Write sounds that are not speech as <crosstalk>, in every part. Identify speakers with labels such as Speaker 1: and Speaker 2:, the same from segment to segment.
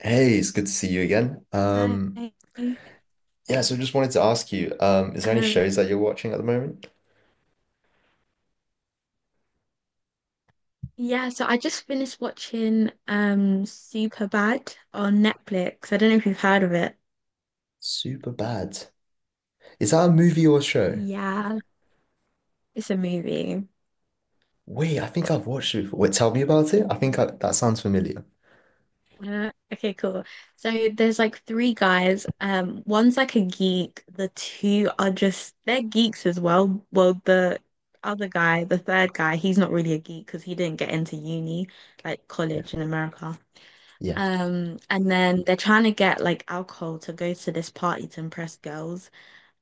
Speaker 1: Hey, it's good to see you again.
Speaker 2: Hi.
Speaker 1: Yeah, so just wanted to ask you, is there any
Speaker 2: Um,
Speaker 1: shows that you're watching at the moment?
Speaker 2: yeah, so I just finished watching Superbad on Netflix. I don't know if you've heard of it.
Speaker 1: Super bad. Is that a movie or a show?
Speaker 2: Yeah, it's a movie.
Speaker 1: Wait, I think I've watched it before. Wait, tell me about it. That sounds familiar.
Speaker 2: Okay, cool. So there's like three guys. One's like a geek. The two are just they're geeks as well. Well, the other guy, the third guy, he's not really a geek because he didn't get into uni, like
Speaker 1: Yeah,
Speaker 2: college in America.
Speaker 1: yeah,
Speaker 2: And then they're trying to get like alcohol to go to this party to impress girls.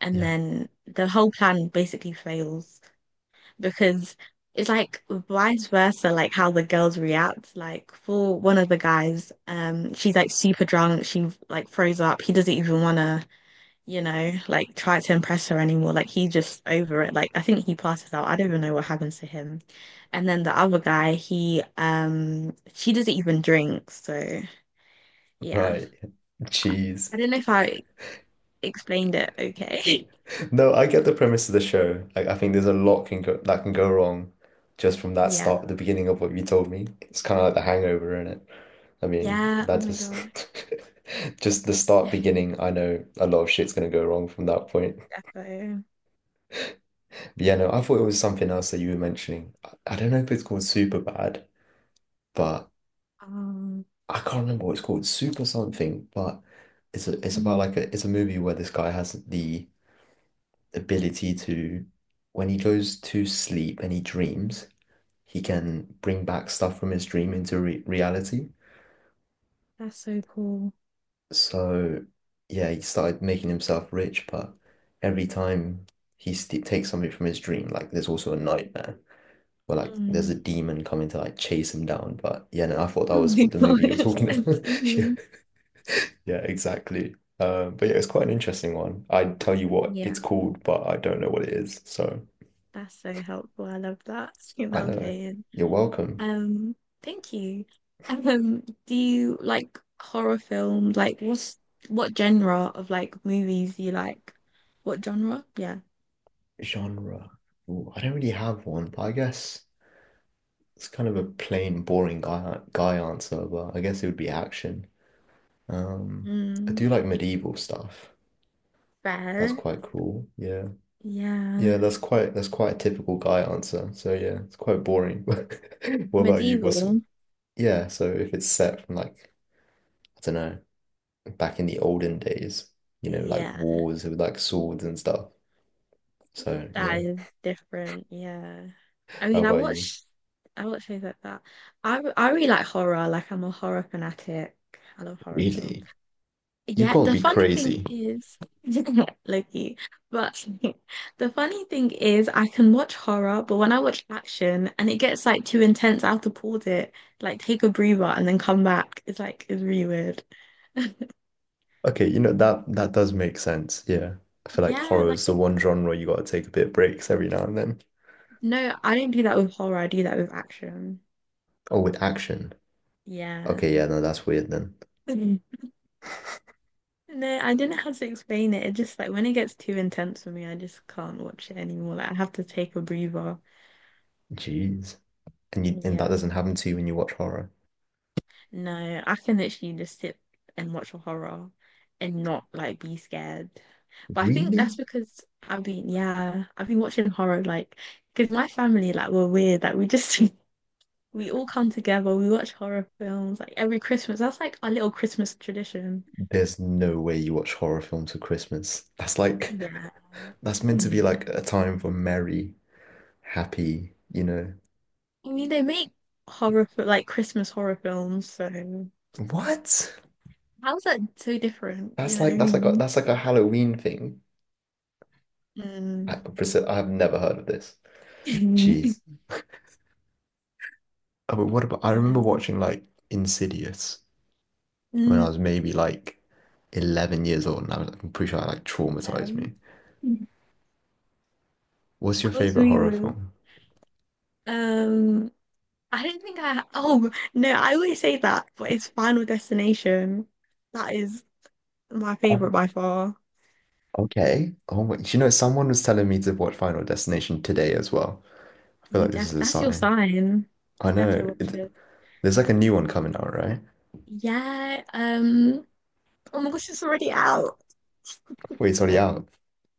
Speaker 2: And
Speaker 1: yeah.
Speaker 2: then the whole plan basically fails because it's like vice versa, like how the girls react. Like for one of the guys, she's like super drunk, she like throws up. He doesn't even wanna, like try to impress her anymore. Like he's just over it. Like I think he passes out. I don't even know what happens to him. And then the other guy, he she doesn't even drink, so yeah.
Speaker 1: Right. <laughs> cheese.
Speaker 2: I don't know if I explained it okay. <laughs>
Speaker 1: No, I get the premise of the show. Like, I think there's a lot can go wrong just from the
Speaker 2: Yeah.
Speaker 1: beginning of what you told me. It's kind of like the hangover, isn't it? I mean,
Speaker 2: Yeah. Oh
Speaker 1: that
Speaker 2: my
Speaker 1: just
Speaker 2: God.
Speaker 1: <laughs> just the start beginning, I know a lot of shit's gonna go wrong from that point.
Speaker 2: Defo.
Speaker 1: But yeah, no, I thought it was something else that you were mentioning. I don't know if it's called Super Bad, but
Speaker 2: Um,
Speaker 1: I can't remember what it's called, Super something, but it's about
Speaker 2: mm,
Speaker 1: like a it's a movie where this guy has the ability to when he goes to sleep and he dreams he can bring back stuff from his dream into re reality.
Speaker 2: that's so cool.
Speaker 1: So, yeah, he started making himself rich, but every time he st takes something from his dream, like there's also a nightmare where like there's a
Speaker 2: Mm.
Speaker 1: demon coming to like chase him down. But yeah, no, I thought that
Speaker 2: Oh
Speaker 1: was
Speaker 2: my
Speaker 1: what the
Speaker 2: <laughs>
Speaker 1: movie you were
Speaker 2: gosh.
Speaker 1: talking
Speaker 2: A
Speaker 1: about. <laughs> Yeah,
Speaker 2: demon. <laughs>
Speaker 1: yeah, exactly. But yeah, it's quite an interesting one. I'd tell you what
Speaker 2: Yeah.
Speaker 1: it's called, but I don't know what it is. So
Speaker 2: That's so helpful. I love that. <laughs> You know
Speaker 1: I
Speaker 2: what I'm
Speaker 1: know.
Speaker 2: saying?
Speaker 1: You're welcome.
Speaker 2: Um, Thank you. Do you like horror films? Like, what genre of like movies do you like? What genre? Yeah.
Speaker 1: Genre. Ooh, I don't really have one, but I guess. It's kind of a plain, boring guy answer, but I guess it would be action. Um, I
Speaker 2: Mm,
Speaker 1: do like medieval stuff. That's
Speaker 2: fair.
Speaker 1: quite cool. Yeah. Yeah,
Speaker 2: Yeah.
Speaker 1: that's quite a typical guy answer. So yeah, it's quite boring. <laughs> What about you? What's
Speaker 2: Medieval.
Speaker 1: yeah, so if it's set from like, I don't know, back in the olden days, you know, like
Speaker 2: Yeah,
Speaker 1: wars with like swords and stuff. So yeah.
Speaker 2: that is different. Yeah. I
Speaker 1: How
Speaker 2: mean, I
Speaker 1: about you?
Speaker 2: watch I watch shows like that. I really like horror. Like I'm a horror fanatic. I love horror films.
Speaker 1: Really? You
Speaker 2: Yeah,
Speaker 1: gotta
Speaker 2: the
Speaker 1: be
Speaker 2: funny thing
Speaker 1: crazy.
Speaker 2: is <laughs> Loki. But <laughs> the funny thing is I can watch horror, but when I watch action and it gets like too intense, I have to pause it, like take a breather and then come back. It's like it's really weird. <laughs>
Speaker 1: Okay, you know that that does make sense. Yeah. I feel like
Speaker 2: Yeah,
Speaker 1: horror is the one genre you gotta take a bit of breaks every now and then.
Speaker 2: no, I don't do that with horror. I do that with action.
Speaker 1: Oh, with action. Okay, yeah,
Speaker 2: Yeah.
Speaker 1: no, that's weird then.
Speaker 2: <laughs> Mhm. No, I don't know how to explain it. It just like when it gets too intense for me, I just can't watch it anymore. Like I have to take a breather.
Speaker 1: Jeez. And that
Speaker 2: Yeah.
Speaker 1: doesn't happen to you when you watch horror.
Speaker 2: No, I can literally just sit and watch a horror and not like be scared. But I think that's
Speaker 1: Really?
Speaker 2: because yeah, I've been watching horror like because my family like we're weird. Like we just <laughs> we all come together. We watch horror films like every Christmas. That's like our little Christmas tradition.
Speaker 1: There's no way you watch horror films for Christmas. That's like
Speaker 2: Yeah.
Speaker 1: <laughs> that's meant to be like a time for merry, happy, you know.
Speaker 2: I mean, they make like Christmas horror films, so
Speaker 1: What?
Speaker 2: how's that so different? You know what I mean?
Speaker 1: That's like a Halloween thing. I,
Speaker 2: Mm.
Speaker 1: Priscilla, I have never heard of this. Jeez.
Speaker 2: <laughs>
Speaker 1: Oh, but what about, I remember
Speaker 2: Yeah.
Speaker 1: watching like Insidious when I
Speaker 2: Mm.
Speaker 1: was maybe like 11 years old, I'm pretty sure I like traumatized
Speaker 2: Um,
Speaker 1: me. What's your
Speaker 2: How's
Speaker 1: favorite
Speaker 2: me
Speaker 1: horror
Speaker 2: with?
Speaker 1: film?
Speaker 2: Um, I don't think I. Oh no, I always say that, but it's Final Destination. That is my
Speaker 1: Oh,
Speaker 2: favorite by far.
Speaker 1: okay. Oh, wait. You know, someone was telling me to watch Final Destination today as well. I feel
Speaker 2: You
Speaker 1: like this
Speaker 2: def
Speaker 1: is a
Speaker 2: that's your
Speaker 1: sign.
Speaker 2: sign.
Speaker 1: I know.
Speaker 2: Definitely watch it.
Speaker 1: There's like a new one coming out, right?
Speaker 2: Yeah. Oh my gosh, it's already out.
Speaker 1: Wait, it's already out.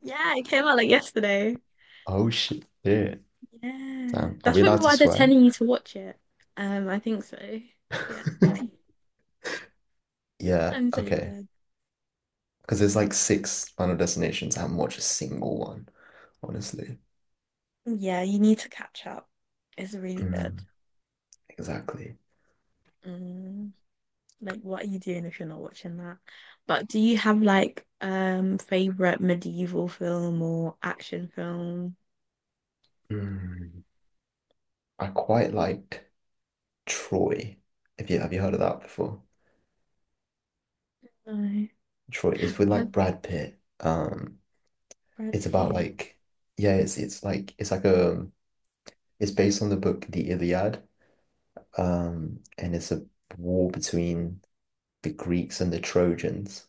Speaker 2: Yeah, it came out like yesterday.
Speaker 1: Oh, shit. Yeah.
Speaker 2: Yeah.
Speaker 1: Damn. Are
Speaker 2: That's
Speaker 1: we
Speaker 2: probably
Speaker 1: allowed to
Speaker 2: why they're
Speaker 1: swear?
Speaker 2: telling you to watch it. I think so. Yeah. <clears throat>
Speaker 1: <laughs>
Speaker 2: <laughs>
Speaker 1: Yeah.
Speaker 2: I'm so
Speaker 1: Okay.
Speaker 2: dead.
Speaker 1: Because there's like six Final Destinations. I haven't watched a single one, honestly.
Speaker 2: Yeah, you need to catch up. It's really good.
Speaker 1: Mm. Exactly.
Speaker 2: Mm, like, what are you doing if you're not watching that? But do you have like favorite medieval film or action film?
Speaker 1: Mm. I quite liked Troy. If you have you heard of that before?
Speaker 2: No,
Speaker 1: Troy is with
Speaker 2: like
Speaker 1: like Brad Pitt.
Speaker 2: Brad
Speaker 1: It's about
Speaker 2: Pitt.
Speaker 1: like yeah, it's like a it's based on the book The Iliad. And it's a war between the Greeks and the Trojans.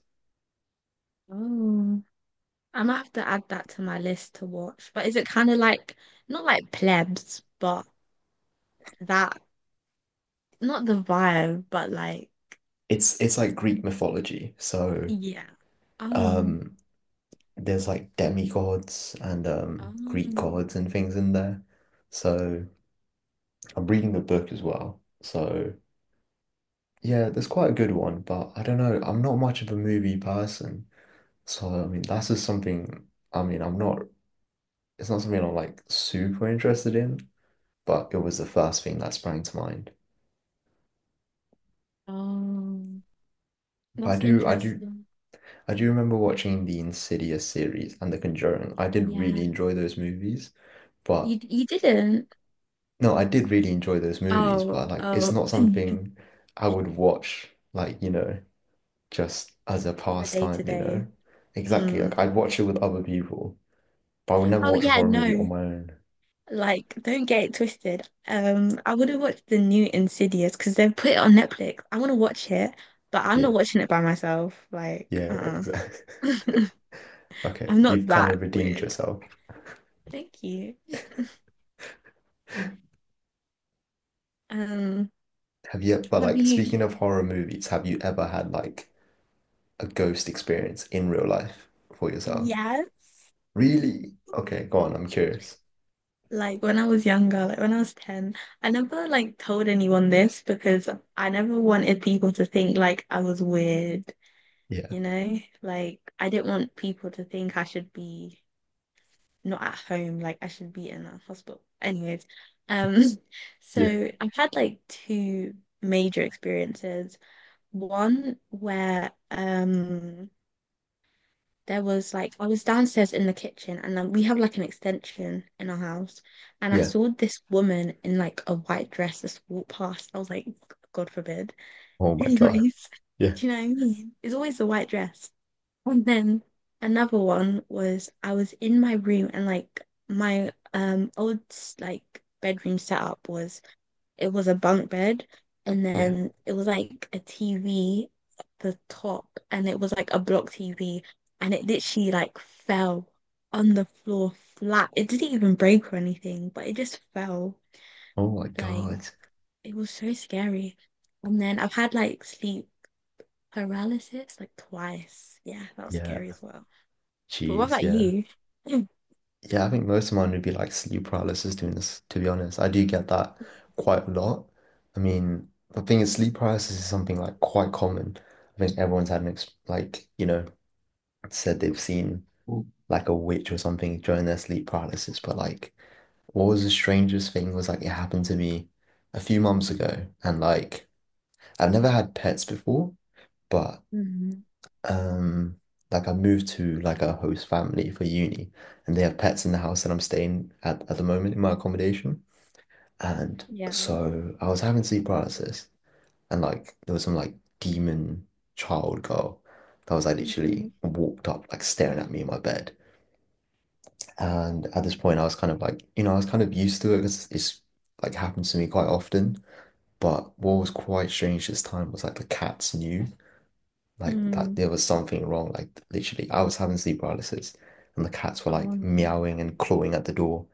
Speaker 2: Oh, I might have to add that to my list to watch. But is it kind of like not like plebs, but that not the vibe, but like
Speaker 1: It's like Greek mythology. So
Speaker 2: yeah. Oh.
Speaker 1: um there's like demigods and Greek
Speaker 2: Oh.
Speaker 1: gods and things in there. So I'm reading the book as well. So yeah, that's quite a good one, but I don't know. I'm not much of a movie person. So, I mean, I'm not, it's not something I'm like super interested in, but it was the first thing that sprang to mind.
Speaker 2: Oh.
Speaker 1: But
Speaker 2: That's interesting.
Speaker 1: I do remember watching the Insidious series and The Conjuring. I did really
Speaker 2: Yeah.
Speaker 1: enjoy those movies, but
Speaker 2: You didn't.
Speaker 1: no, I did really enjoy those movies,
Speaker 2: Oh,
Speaker 1: but like, it's
Speaker 2: oh,
Speaker 1: not
Speaker 2: <clears throat> in
Speaker 1: something I would watch, like, you know, just as a
Speaker 2: the day to
Speaker 1: pastime, you
Speaker 2: day.
Speaker 1: know? Exactly. Like,
Speaker 2: Mm.
Speaker 1: I'd watch it with other people. But I would never
Speaker 2: Oh
Speaker 1: watch a
Speaker 2: yeah,
Speaker 1: horror movie
Speaker 2: no.
Speaker 1: on my own.
Speaker 2: Like, don't get it twisted. I would have watched the new Insidious because they've put it on Netflix. I want to watch it, but I'm not
Speaker 1: Yeah.
Speaker 2: watching it by myself. Like,
Speaker 1: Yeah,
Speaker 2: uh-uh.
Speaker 1: exactly. <laughs>
Speaker 2: <laughs>
Speaker 1: Okay.
Speaker 2: I'm not
Speaker 1: You've kind
Speaker 2: that
Speaker 1: of redeemed
Speaker 2: weird.
Speaker 1: yourself.
Speaker 2: Thank you. <laughs>
Speaker 1: <laughs> Have
Speaker 2: Um,
Speaker 1: you, but
Speaker 2: have
Speaker 1: like
Speaker 2: you?
Speaker 1: speaking of horror movies, have you ever had like a ghost experience in real life for yourself?
Speaker 2: Yes.
Speaker 1: Really? Okay, go on. I'm curious.
Speaker 2: Like when I was younger, like when I was 10, I never like told anyone this because I never wanted people to think like I was weird,
Speaker 1: Yeah.
Speaker 2: you know? Like I didn't want people to think I should be not at home, like I should be in a hospital. Anyways, um, <laughs>
Speaker 1: Yeah.
Speaker 2: so I've had like two major experiences. One where there was like I was downstairs in the kitchen and then we have like an extension in our house and I
Speaker 1: Yeah.
Speaker 2: saw this woman in like a white dress just walk past. I was like, God forbid.
Speaker 1: Oh
Speaker 2: <laughs>
Speaker 1: my God.
Speaker 2: Anyways,
Speaker 1: Yeah.
Speaker 2: do you know what I mean? It's always the white dress. And then another one was I was in my room and like my old like bedroom setup was it was a bunk bed, and
Speaker 1: Yeah.
Speaker 2: then it was like a TV at the top, and it was like a block TV, and it literally like fell on the floor flat. It didn't even break or anything, but it just fell.
Speaker 1: Oh my
Speaker 2: Like
Speaker 1: God.
Speaker 2: it was so scary. And then I've had like sleep paralysis like twice. Yeah, that was scary
Speaker 1: Yeah.
Speaker 2: as well. But what
Speaker 1: Jeez.
Speaker 2: about
Speaker 1: Yeah.
Speaker 2: you? <laughs> <clears throat>
Speaker 1: Yeah, I think most of mine would be like sleep paralysis doing this, to be honest. I do get that quite a lot. I mean, the thing is, sleep paralysis is something like quite common. I think everyone's had an ex like, you know, said they've seen like a witch or something during their sleep paralysis. But like, what was the strangest thing was like, it happened to me a few months ago. And like, I've never had pets before, but
Speaker 2: Mm,
Speaker 1: um like I moved to like a host family for uni and they have pets in the house that I'm staying at the moment in my accommodation. And
Speaker 2: yeah. Oh
Speaker 1: so I was having sleep paralysis and like there was some like demon child girl that was like
Speaker 2: my
Speaker 1: literally
Speaker 2: God.
Speaker 1: walked up like staring at me in my bed. And at this point I was kind of like, you know, I was kind of used to it because it's like happens to me quite often. But what was quite strange this time was like the cats knew like that
Speaker 2: Mm.
Speaker 1: there was something wrong. Like literally, I was having sleep paralysis, and the cats were
Speaker 2: Oh,
Speaker 1: like
Speaker 2: no.
Speaker 1: meowing and clawing at the door.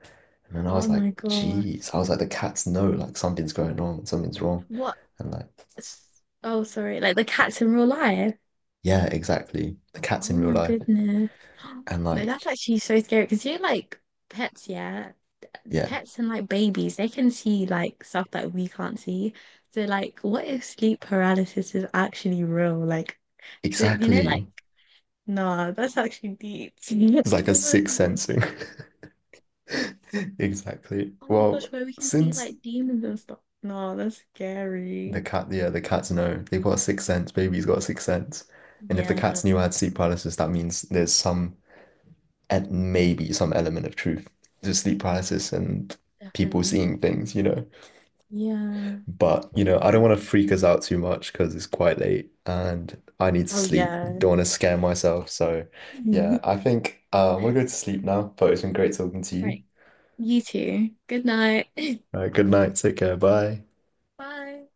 Speaker 1: And then I was
Speaker 2: Oh
Speaker 1: like,
Speaker 2: my God.
Speaker 1: "Jeez!" I was like, "The cats know like something's going on, something's wrong,"
Speaker 2: What
Speaker 1: and like,
Speaker 2: s- Oh, sorry. Like the cats in real life.
Speaker 1: yeah, exactly. The cats
Speaker 2: Oh
Speaker 1: in real
Speaker 2: my
Speaker 1: life,
Speaker 2: goodness. <gasps>
Speaker 1: and
Speaker 2: No, that's
Speaker 1: like,
Speaker 2: actually so scary because you're like pets, yeah.
Speaker 1: yeah,
Speaker 2: Pets and like babies, they can see like stuff that we can't see. So like, what if sleep paralysis is actually real? Like, the, you know, like,
Speaker 1: exactly.
Speaker 2: nah, that's actually deep.
Speaker 1: It's
Speaker 2: <laughs>
Speaker 1: like a
Speaker 2: That's
Speaker 1: sixth
Speaker 2: actually so
Speaker 1: sensing.
Speaker 2: deep.
Speaker 1: <laughs> Exactly.
Speaker 2: Oh my gosh,
Speaker 1: Well,
Speaker 2: where we can see
Speaker 1: since
Speaker 2: like demons and stuff. No, that's scary.
Speaker 1: yeah, the cats know they've got a sixth sense. Baby's got a sixth sense, and if the
Speaker 2: Yeah,
Speaker 1: cats knew I had sleep paralysis, that means there's some and maybe some element of truth to sleep paralysis and people
Speaker 2: definitely.
Speaker 1: seeing things, you know.
Speaker 2: Yeah.
Speaker 1: But, you know, I don't want to freak us out too much because it's quite late and I need to
Speaker 2: Oh
Speaker 1: sleep.
Speaker 2: yeah.
Speaker 1: Don't want to scare myself. So, yeah,
Speaker 2: <laughs>
Speaker 1: I think I'm gonna go to sleep now, but it's been great talking to you.
Speaker 2: Right. You too. Good night. <clears throat>
Speaker 1: All right, good night. Take care. Bye.
Speaker 2: <laughs> Bye.